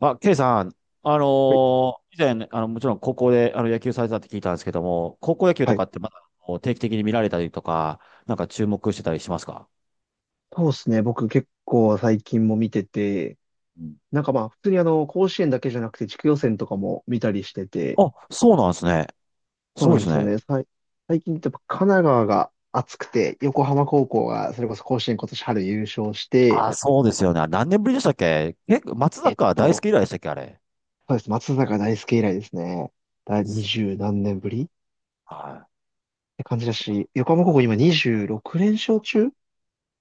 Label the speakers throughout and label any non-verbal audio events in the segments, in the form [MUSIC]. Speaker 1: あ、ケイさん、
Speaker 2: はい。
Speaker 1: 以前、もちろん高校で野球されてたって聞いたんですけども、高校野球と
Speaker 2: は
Speaker 1: か
Speaker 2: い。
Speaker 1: ってまだこう定期的に見られたりとか、なんか注目してたりしますか？
Speaker 2: そうですね。僕結構最近も見てて、
Speaker 1: うん。
Speaker 2: なんかまあ普通にあの甲子園だけじゃなくて地区予選とかも見たりしてて、
Speaker 1: あ、そうなんですね。
Speaker 2: そ
Speaker 1: そ
Speaker 2: う
Speaker 1: う
Speaker 2: な
Speaker 1: で
Speaker 2: ん
Speaker 1: す
Speaker 2: ですよ
Speaker 1: ね。
Speaker 2: ね。最近ってやっぱ神奈川が熱くて、横浜高校がそれこそ甲子園今年春優勝して、
Speaker 1: あ、そうですよね。あ、何年ぶりでしたっけ？結松
Speaker 2: えっ
Speaker 1: 坂大
Speaker 2: と、
Speaker 1: 輔以来でしたっけ、あれ。
Speaker 2: そうです。松坂大輔以来ですね。二十何年ぶりっ
Speaker 1: はい。
Speaker 2: て感じだし、横浜高校今26連勝中、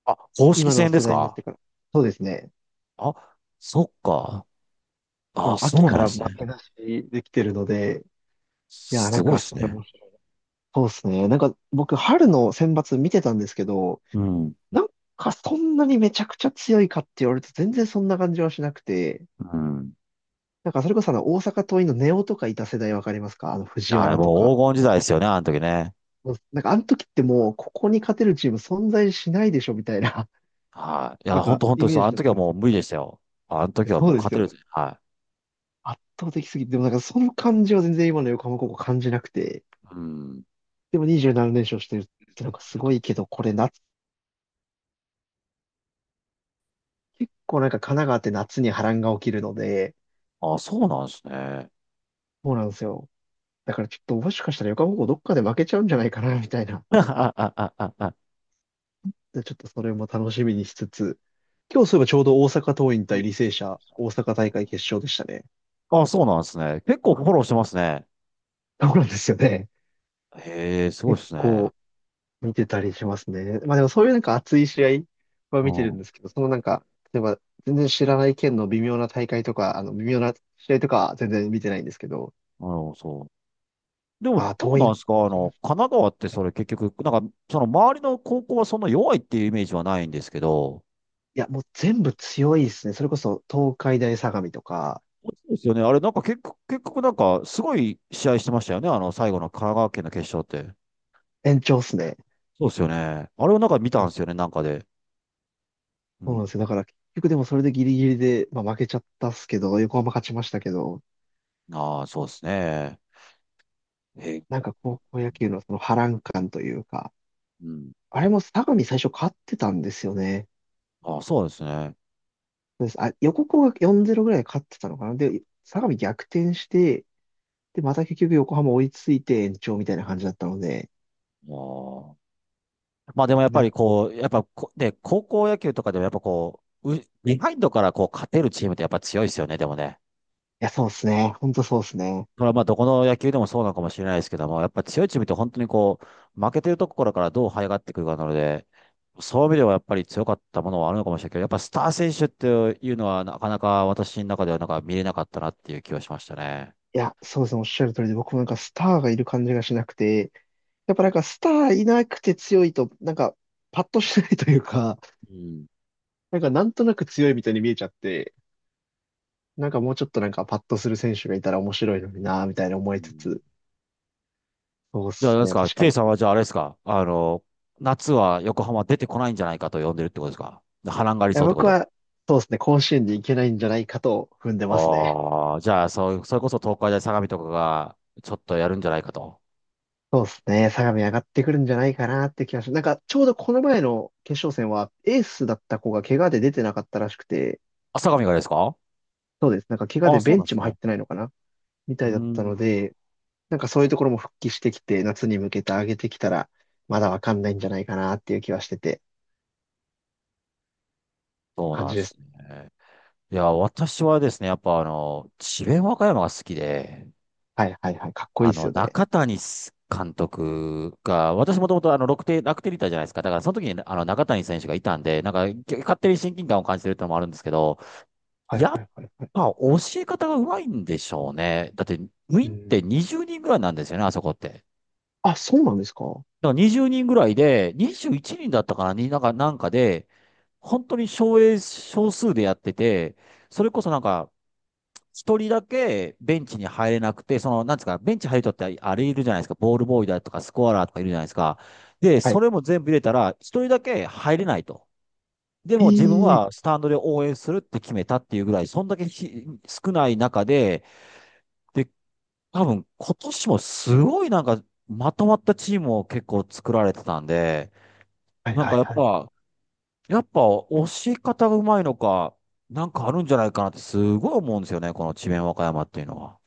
Speaker 1: あ、公式
Speaker 2: 今の
Speaker 1: 戦で
Speaker 2: 世
Speaker 1: す
Speaker 2: 代になっ
Speaker 1: か？
Speaker 2: てから。そうですね。
Speaker 1: あ、そっか。
Speaker 2: あ
Speaker 1: あ、
Speaker 2: の秋
Speaker 1: そう
Speaker 2: か
Speaker 1: なんで
Speaker 2: ら負
Speaker 1: すね。
Speaker 2: けなしできてるので、いや、な
Speaker 1: す
Speaker 2: ん
Speaker 1: ごいで
Speaker 2: かそ
Speaker 1: す
Speaker 2: れ
Speaker 1: ね。
Speaker 2: もそうですね。なんか僕、春の選抜見てたんですけど、
Speaker 1: うん。
Speaker 2: なんかそんなにめちゃくちゃ強いかって言われると全然そんな感じはしなくて、
Speaker 1: うん。
Speaker 2: なんかそれこそあの大阪桐蔭の根尾とかいた世代わかりますか？あの藤
Speaker 1: あ、
Speaker 2: 原と
Speaker 1: もう
Speaker 2: か。
Speaker 1: 黄金時代ですよね、あの時ね。
Speaker 2: もうなんかあの時ってもうここに勝てるチーム存在しないでしょみたいな、
Speaker 1: はい。い
Speaker 2: [LAUGHS] な
Speaker 1: や、
Speaker 2: ん
Speaker 1: 本
Speaker 2: か
Speaker 1: 当本当
Speaker 2: イ
Speaker 1: に
Speaker 2: メ
Speaker 1: そう。
Speaker 2: ー
Speaker 1: あ
Speaker 2: ジ
Speaker 1: の
Speaker 2: だっ
Speaker 1: 時
Speaker 2: た
Speaker 1: は
Speaker 2: んです
Speaker 1: もう無理でしたよ。あの
Speaker 2: け
Speaker 1: 時
Speaker 2: ど。
Speaker 1: は
Speaker 2: そ
Speaker 1: も
Speaker 2: う
Speaker 1: う
Speaker 2: で
Speaker 1: 勝
Speaker 2: す
Speaker 1: て
Speaker 2: よ
Speaker 1: る
Speaker 2: ね。
Speaker 1: は
Speaker 2: 圧倒的すぎて、でもなんかその感じは全然今の横浜高校感じなくて、
Speaker 1: い。うん。
Speaker 2: でも27連勝してるってなんかすごいけど、これ夏、結構なんか神奈川って夏に波乱が起きるので、
Speaker 1: あ、そうなんですね。
Speaker 2: そうなんですよ。だからちょっともしかしたら横浜高校どっかで負けちゃうんじゃないかな、[LAUGHS] みたいな。
Speaker 1: [LAUGHS]
Speaker 2: で、ちょっとそれも楽しみにしつつ、今日そういえばちょうど大阪桐蔭対履正社、大阪大会決勝でしたね。
Speaker 1: あ、そうなんですね。結構フォローしてますね。
Speaker 2: そうなんですよね。
Speaker 1: へえ、すごい
Speaker 2: 結
Speaker 1: ですね。
Speaker 2: 構見てたりしますね。まあでもそういうなんか熱い試合は
Speaker 1: う
Speaker 2: 見てるん
Speaker 1: ん。
Speaker 2: ですけど、そのなんか、例えば全然知らない県の微妙な大会とか、あの微妙な試合とかは全然見てないんですけど、
Speaker 1: うん、そう。でも、
Speaker 2: ああ、
Speaker 1: ど
Speaker 2: 桐
Speaker 1: うなん
Speaker 2: 蔭
Speaker 1: ですか、
Speaker 2: 勝ちまし
Speaker 1: 神奈川って
Speaker 2: た
Speaker 1: そ
Speaker 2: ね。
Speaker 1: れ結局、その周りの高校はそんな弱いっていうイメージはないんですけど、
Speaker 2: いや、もう全部強いですね。それこそ東海大相模とか、
Speaker 1: そうですよね。あれ、なんか結局、結局なんか、すごい試合してましたよね。あの、最後の神奈川県の決勝って。
Speaker 2: 延長っすね。
Speaker 1: そうですよね。あれをなんか見たんですよね、なんかで。う
Speaker 2: そう
Speaker 1: ん。
Speaker 2: なんですよ。だから結局でもそれでギリギリで、まあ、負けちゃったっすけど、横浜勝ちましたけど、
Speaker 1: ああ、そうですね。え、
Speaker 2: なんか高校野球のその波乱感というか、
Speaker 1: うん。
Speaker 2: あれも相模最初勝ってたんですよね。
Speaker 1: ああ、そうですね。あ
Speaker 2: そうです。あ、横浜が4-0ぐらいで勝ってたのかな。で、相模逆転して、で、また結局横浜追いついて延長みたいな感じだったので、
Speaker 1: あ。まあでもやっ
Speaker 2: な
Speaker 1: ぱ
Speaker 2: ん
Speaker 1: り
Speaker 2: か、
Speaker 1: こう、やっぱこ、で、高校野球とかでもやっぱこう、ビハインドからこう勝てるチームってやっぱ強いですよね、でもね。
Speaker 2: いや、そうですね。本当そうですね。
Speaker 1: これはまあどこの野球でもそうなのかもしれないですけども、やっぱ強いチームって本当にこう、負けてるところからどう這い上がってくるかなので、そういう意味ではやっぱり強かったものはあるのかもしれないけど、やっぱスター選手っていうのはなかなか私の中ではなんか見れなかったなっていう気はしましたね。
Speaker 2: いや、そうですね。おっしゃる通りで、僕もなんかスターがいる感じがしなくて、やっぱなんかスターいなくて強いと、なんか、パッとしないというか、
Speaker 1: うん。
Speaker 2: なんかなんとなく強いみたいに見えちゃって、なんかもうちょっとなんかパッとする選手がいたら面白いのになぁみたいな
Speaker 1: う
Speaker 2: 思いつ
Speaker 1: ん。
Speaker 2: つ、そうっ
Speaker 1: じゃあ、あ
Speaker 2: す
Speaker 1: れです
Speaker 2: ね、
Speaker 1: か、
Speaker 2: 確か
Speaker 1: ケイ
Speaker 2: に。い
Speaker 1: さんはじゃああれですか、夏は横浜出てこないんじゃないかと呼んでるってことですか？波乱があり
Speaker 2: や、
Speaker 1: そうってこ
Speaker 2: 僕
Speaker 1: と。
Speaker 2: は、そうっすね、甲子園に行けないんじゃないかと踏んでますね。
Speaker 1: ああ、じゃあ、そう、それこそ東海大相模とかが、ちょっとやるんじゃないかと。
Speaker 2: そうっすね、相模上がってくるんじゃないかなって気がします。なんかちょうどこの前の決勝戦はエースだった子が怪我で出てなかったらしくて、
Speaker 1: あ、相模がですか？
Speaker 2: そうです、なんか怪我
Speaker 1: ああ、
Speaker 2: で
Speaker 1: そう
Speaker 2: ベ
Speaker 1: な
Speaker 2: ン
Speaker 1: んで
Speaker 2: チ
Speaker 1: す
Speaker 2: も入
Speaker 1: ね。
Speaker 2: ってないのかなみ
Speaker 1: う
Speaker 2: た
Speaker 1: ー
Speaker 2: いだったの
Speaker 1: ん。
Speaker 2: で、なんかそういうところも復帰してきて、夏に向けて上げてきたら、まだわかんないんじゃないかなっていう気はしてて、
Speaker 1: そう
Speaker 2: 感
Speaker 1: なん
Speaker 2: じ
Speaker 1: で
Speaker 2: です
Speaker 1: す
Speaker 2: ね。
Speaker 1: ね。いや、私はですね、やっぱあの、智弁和歌山が好きで、
Speaker 2: はいはいはい。かっこいいですよね。
Speaker 1: 中谷監督が、私もともと楽天、楽天リーターじゃないですか。だからその時に中谷選手がいたんで、なんか、勝手に親近感を感じてるってのもあるんですけど、
Speaker 2: はい
Speaker 1: や
Speaker 2: は
Speaker 1: っ
Speaker 2: いはいはい。
Speaker 1: ぱ教え方がうまいんでしょうね。だって、ウィ
Speaker 2: う
Speaker 1: ーンっ
Speaker 2: ん。
Speaker 1: て20人ぐらいなんですよね、あそこって。だ
Speaker 2: あ、そうなんですか？は
Speaker 1: から20人ぐらいで、21人だったかな、になんか、なんかで、本当に少英少数でやってて、それこそなんか、一人だけベンチに入れなくて、その、なんですか、ベンチ入るとってあれいるじゃないですか、ボールボーイだとかスコアラーとかいるじゃないですか。で、そ
Speaker 2: い。
Speaker 1: れも全部入れたら、一人だけ入れないと。でも自分
Speaker 2: え
Speaker 1: は
Speaker 2: え、
Speaker 1: スタンドで応援するって決めたっていうぐらい、そんだけひ少ない中で、で、多分今年もすごいなんかまとまったチームを結構作られてたんで、
Speaker 2: はい
Speaker 1: なん
Speaker 2: は
Speaker 1: か
Speaker 2: い
Speaker 1: やっ
Speaker 2: はい。
Speaker 1: ぱ、やっぱ押し方がうまいのか、なんかあるんじゃないかなってすごい思うんですよね、この智弁和歌山っていうのは。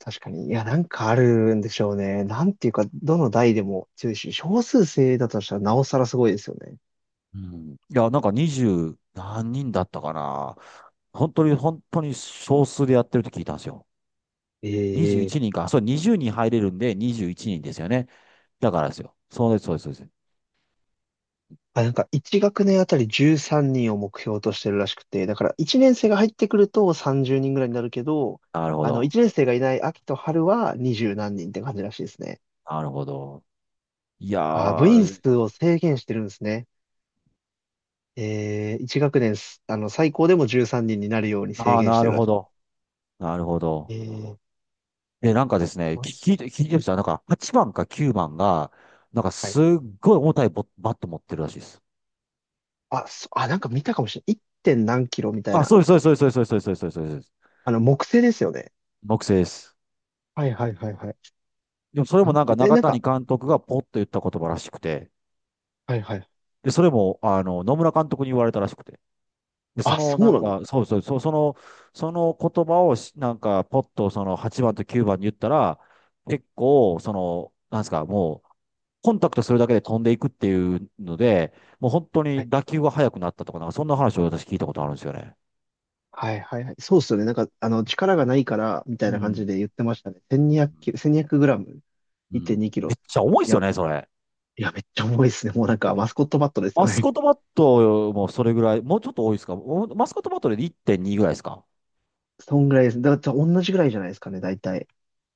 Speaker 2: 確かに。いや、なんかあるんでしょうね。なんていうか、どの代でも強いし、少数制だとしたらなおさらすごいですよね。
Speaker 1: うん。いや、なんか二十何人だったかな。本当に本当に少数でやってるって聞いたんですよ。21
Speaker 2: ええ、
Speaker 1: 人か。そう、20人入れるんで21人ですよね。だからですよ。そうです、そうです、そうです。
Speaker 2: あ、なんか1学年あたり13人を目標としてるらしくて、だから1年生が入ってくると30人ぐらいになるけど、
Speaker 1: なるほ
Speaker 2: あの、
Speaker 1: ど。
Speaker 2: 1年生がいない秋と春は20何人って感じらしいですね。
Speaker 1: なるほど。いや
Speaker 2: あ、部員
Speaker 1: ー、
Speaker 2: 数を制限してるんですね。1学年あの、最高でも13人になるように
Speaker 1: あ
Speaker 2: 制
Speaker 1: あ、
Speaker 2: 限し
Speaker 1: な
Speaker 2: て
Speaker 1: る
Speaker 2: るら
Speaker 1: ほ
Speaker 2: し
Speaker 1: ど。なるほど。
Speaker 2: い。す
Speaker 1: え、なんかですね、
Speaker 2: ごい。
Speaker 1: 聞いてる人は、なんか8番か9番が、なんか
Speaker 2: はい。
Speaker 1: すっごい重たいバット持ってるらしいです。
Speaker 2: あ、あ、なんか見たかもしれない。1. 点何キロみたい
Speaker 1: あ、
Speaker 2: な。
Speaker 1: そうです、そうです、そうです、そうです、そうです、そうです、そうです。そう、
Speaker 2: あの、木製ですよね。
Speaker 1: 木製です。
Speaker 2: はいはいはいはい。
Speaker 1: でもそれも
Speaker 2: 何
Speaker 1: なん
Speaker 2: キ
Speaker 1: か
Speaker 2: ロ？え、
Speaker 1: 中
Speaker 2: なん
Speaker 1: 谷
Speaker 2: か、
Speaker 1: 監督がポッと言った言葉らしくて、
Speaker 2: はいはい。
Speaker 1: で、それも、野村監督に言われたらしくて、で、そ
Speaker 2: あ、
Speaker 1: の
Speaker 2: そ
Speaker 1: な
Speaker 2: う
Speaker 1: ん
Speaker 2: なんです。
Speaker 1: か、そうそう、そう、その、その言葉をしなんか、ポッとその8番と9番に言ったら、結構、なんですか、もう、コンタクトするだけで飛んでいくっていうので、もう本当
Speaker 2: は
Speaker 1: に
Speaker 2: い
Speaker 1: 打球が速くなったとか、なんかそんな話を私聞いたことあるんですよね。
Speaker 2: はいはいはい。そうっすよね。なんか、あの、力がないから、みた
Speaker 1: う
Speaker 2: いな感
Speaker 1: ん。
Speaker 2: じで言ってましたね。1200キロ、1 2 0グラム、
Speaker 1: う
Speaker 2: 1.2
Speaker 1: ん。
Speaker 2: キロ。
Speaker 1: め
Speaker 2: い
Speaker 1: っちゃ重いですよ
Speaker 2: や、
Speaker 1: ね、それ。
Speaker 2: いや、めっちゃ重いですね。もうなん
Speaker 1: だっ
Speaker 2: か、
Speaker 1: て、
Speaker 2: マスコットバットです
Speaker 1: マ
Speaker 2: よ
Speaker 1: スコ
Speaker 2: ね。
Speaker 1: ットバットもそれぐらい、もうちょっと多いですか？おマスコットバットで1.2ぐらいですか？
Speaker 2: [LAUGHS] そんぐらいです。だから、同じぐらいじゃないですかね、大体。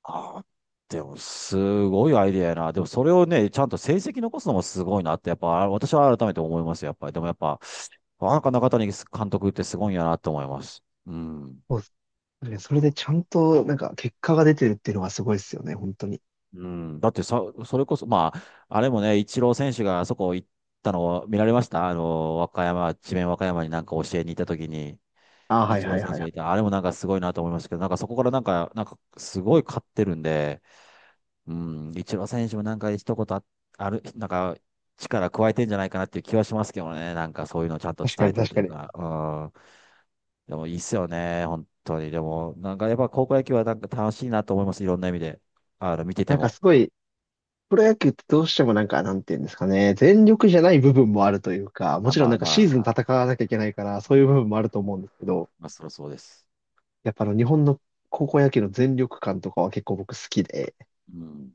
Speaker 1: ああ。でも、すごいアイデアやな。でも、それをね、ちゃんと成績残すのもすごいなって、やっぱ、あ、私は改めて思いますよ、やっぱり。でも、やっぱ、あ、なんか中谷監督ってすごいんやなって思います。うん。
Speaker 2: そうね、それでちゃんと、なんか、結果が出てるっていうのがすごいですよね、本当に。
Speaker 1: うん、だってさ、それこそ、まあ、あれもね、イチロー選手があそこ行ったのを見られました和歌山、智弁和歌山になんか教えに行った時に、
Speaker 2: ああ、
Speaker 1: イ
Speaker 2: はい
Speaker 1: チロ
Speaker 2: は
Speaker 1: ー
Speaker 2: い
Speaker 1: 選
Speaker 2: はい
Speaker 1: 手
Speaker 2: は
Speaker 1: がい
Speaker 2: い。
Speaker 1: た。あれもなんかすごいなと思いましたけど、なんかそこからなんか、なんかすごい勝ってるんで、うん、イチロー選手もなんか一言あ、ある、なんか力加えてんじゃないかなっていう気はしますけどね、なんかそういうのをちゃんと
Speaker 2: 確か
Speaker 1: 伝え
Speaker 2: に、
Speaker 1: てる
Speaker 2: 確
Speaker 1: と
Speaker 2: か
Speaker 1: いう
Speaker 2: に。
Speaker 1: か、うん、でもいいっすよね、本当に。でも、なんかやっぱ高校野球はなんか楽しいなと思います、いろんな意味で。あの、見てて
Speaker 2: なんか
Speaker 1: も。
Speaker 2: すごい、プロ野球ってどうしてもなんか、なんていうんですかね、全力じゃない部分もあるというか、も
Speaker 1: あ、
Speaker 2: ちろん
Speaker 1: まあ
Speaker 2: なんかシーズン
Speaker 1: ま
Speaker 2: 戦わなきゃいけないから、
Speaker 1: う
Speaker 2: そういう部
Speaker 1: ん。
Speaker 2: 分もあると思うんですけど、
Speaker 1: まあ、そりゃそうです。
Speaker 2: やっぱあの日本の高校野球の全力感とかは結構僕好きで、
Speaker 1: うん。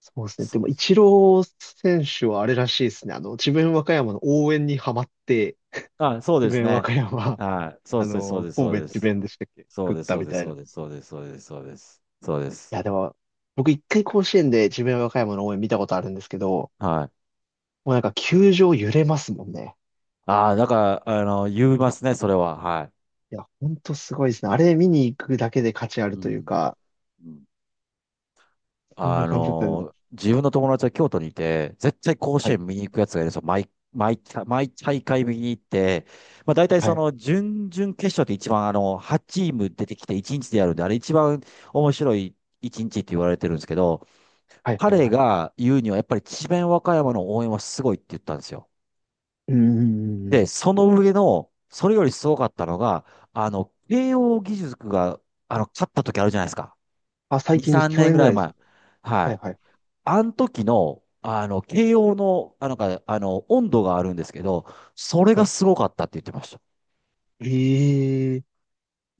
Speaker 2: そうですね。で
Speaker 1: そう
Speaker 2: も、
Speaker 1: で
Speaker 2: イ
Speaker 1: す。
Speaker 2: チロー選手はあれらしいですね。あの、智弁和歌山の応援にハマって、
Speaker 1: あ、そう
Speaker 2: 智
Speaker 1: です
Speaker 2: 弁和
Speaker 1: ね。
Speaker 2: 歌山、
Speaker 1: はい。そう
Speaker 2: あ
Speaker 1: です、そう
Speaker 2: の、
Speaker 1: です、そう
Speaker 2: 神
Speaker 1: で
Speaker 2: 戸智
Speaker 1: す。
Speaker 2: 弁でしたっけ
Speaker 1: そ
Speaker 2: 作
Speaker 1: う
Speaker 2: っ
Speaker 1: です、
Speaker 2: た
Speaker 1: そう
Speaker 2: み
Speaker 1: です、
Speaker 2: たい
Speaker 1: そ
Speaker 2: な。
Speaker 1: うです、そうです、そうです、そうです。そうで
Speaker 2: い
Speaker 1: す。
Speaker 2: や、でも、僕一回甲子園で智弁和歌山の応援見たことあるんですけど、
Speaker 1: はい。
Speaker 2: もうなんか球場揺れますもんね。
Speaker 1: ああ、だから、あの、言いますね、それは。はい。
Speaker 2: いや、ほんとすごいですね。あれ見に行くだけで価値あ
Speaker 1: う
Speaker 2: るという
Speaker 1: ん。
Speaker 2: か、
Speaker 1: うん。
Speaker 2: そんな
Speaker 1: あ
Speaker 2: 感じだったの。
Speaker 1: の、自分の友達は京都にいて、絶対甲
Speaker 2: は
Speaker 1: 子
Speaker 2: い、
Speaker 1: 園見に行くやつがいるんですよ。毎大会見に行って、まあ大体
Speaker 2: は
Speaker 1: そ
Speaker 2: い、
Speaker 1: の準々決勝って一番あの、8チーム出てきて1日でやるんで、あれ一番面白い1日って言われてるんですけど、
Speaker 2: はい、はい、
Speaker 1: 彼
Speaker 2: はい。
Speaker 1: が言うには、やっぱり智弁和歌山の応援はすごいって言ったんですよ。
Speaker 2: うん、うん、うんう
Speaker 1: で、
Speaker 2: ん。
Speaker 1: その上の、それよりすごかったのが、あの、慶応義塾が、あの、勝った時あるじゃないですか。
Speaker 2: あ、最
Speaker 1: 2、
Speaker 2: 近です。
Speaker 1: 3
Speaker 2: 去
Speaker 1: 年ぐ
Speaker 2: 年ぐ
Speaker 1: ら
Speaker 2: ら
Speaker 1: い
Speaker 2: いです
Speaker 1: 前。
Speaker 2: よね。
Speaker 1: は
Speaker 2: はい、
Speaker 1: い。
Speaker 2: はい、
Speaker 1: あの時の、あの、慶応の、あの、なんか、あの、温度があるんですけど、それ
Speaker 2: は
Speaker 1: が
Speaker 2: い。
Speaker 1: すごかったって言ってました。
Speaker 2: ええ、い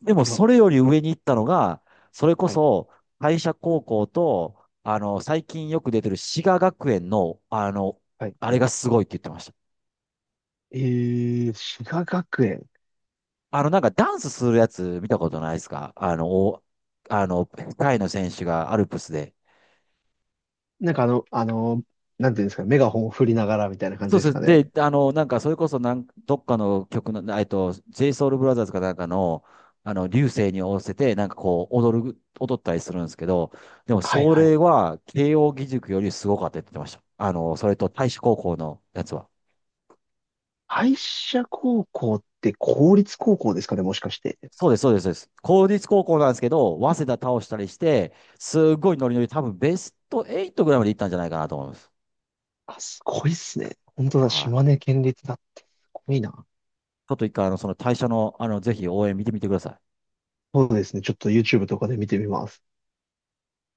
Speaker 1: でも、
Speaker 2: や、
Speaker 1: それより上に行ったのが、それこ
Speaker 2: はい、
Speaker 1: そ、会社高校と、あの、最近よく出てる滋賀学園の、あの、
Speaker 2: はい。
Speaker 1: あれがすごいって言ってました。
Speaker 2: ええ、滋賀学園。
Speaker 1: あの、なんかダンスするやつ見たことないですか？あの、タイの選手がアルプスで。
Speaker 2: なんかあの、なんていうんですかね、メガホンを振りながらみたいな感
Speaker 1: そ
Speaker 2: じ
Speaker 1: う
Speaker 2: で
Speaker 1: そ
Speaker 2: すか
Speaker 1: う
Speaker 2: ね。
Speaker 1: で、あの、なんかそれこそなん、どっかの曲の、JSOULBROTHERS かなんかの、あの、流星に合わせて、なんかこう、踊ったりするんですけど、でも
Speaker 2: はい、
Speaker 1: そ
Speaker 2: はい。
Speaker 1: れは、慶応義塾よりすごかったって言ってました。あの、それと太子高校のやつは。
Speaker 2: 敗者高校って公立高校ですかね、もしかして。
Speaker 1: そうです、そうです、そうです。公立高校なんですけど、早稲田倒したりして、すごいノリノリ、多分ベスト8ぐらいまで行ったんじゃないかなと思います。
Speaker 2: あ、すごいっすね。本当だ、
Speaker 1: はい。
Speaker 2: 島根県立だって。すごいな。
Speaker 1: ちょっと一回、あの、その退社の、あの、ぜひ応援見てみてください。
Speaker 2: そうですね。ちょっと YouTube とかで見てみます。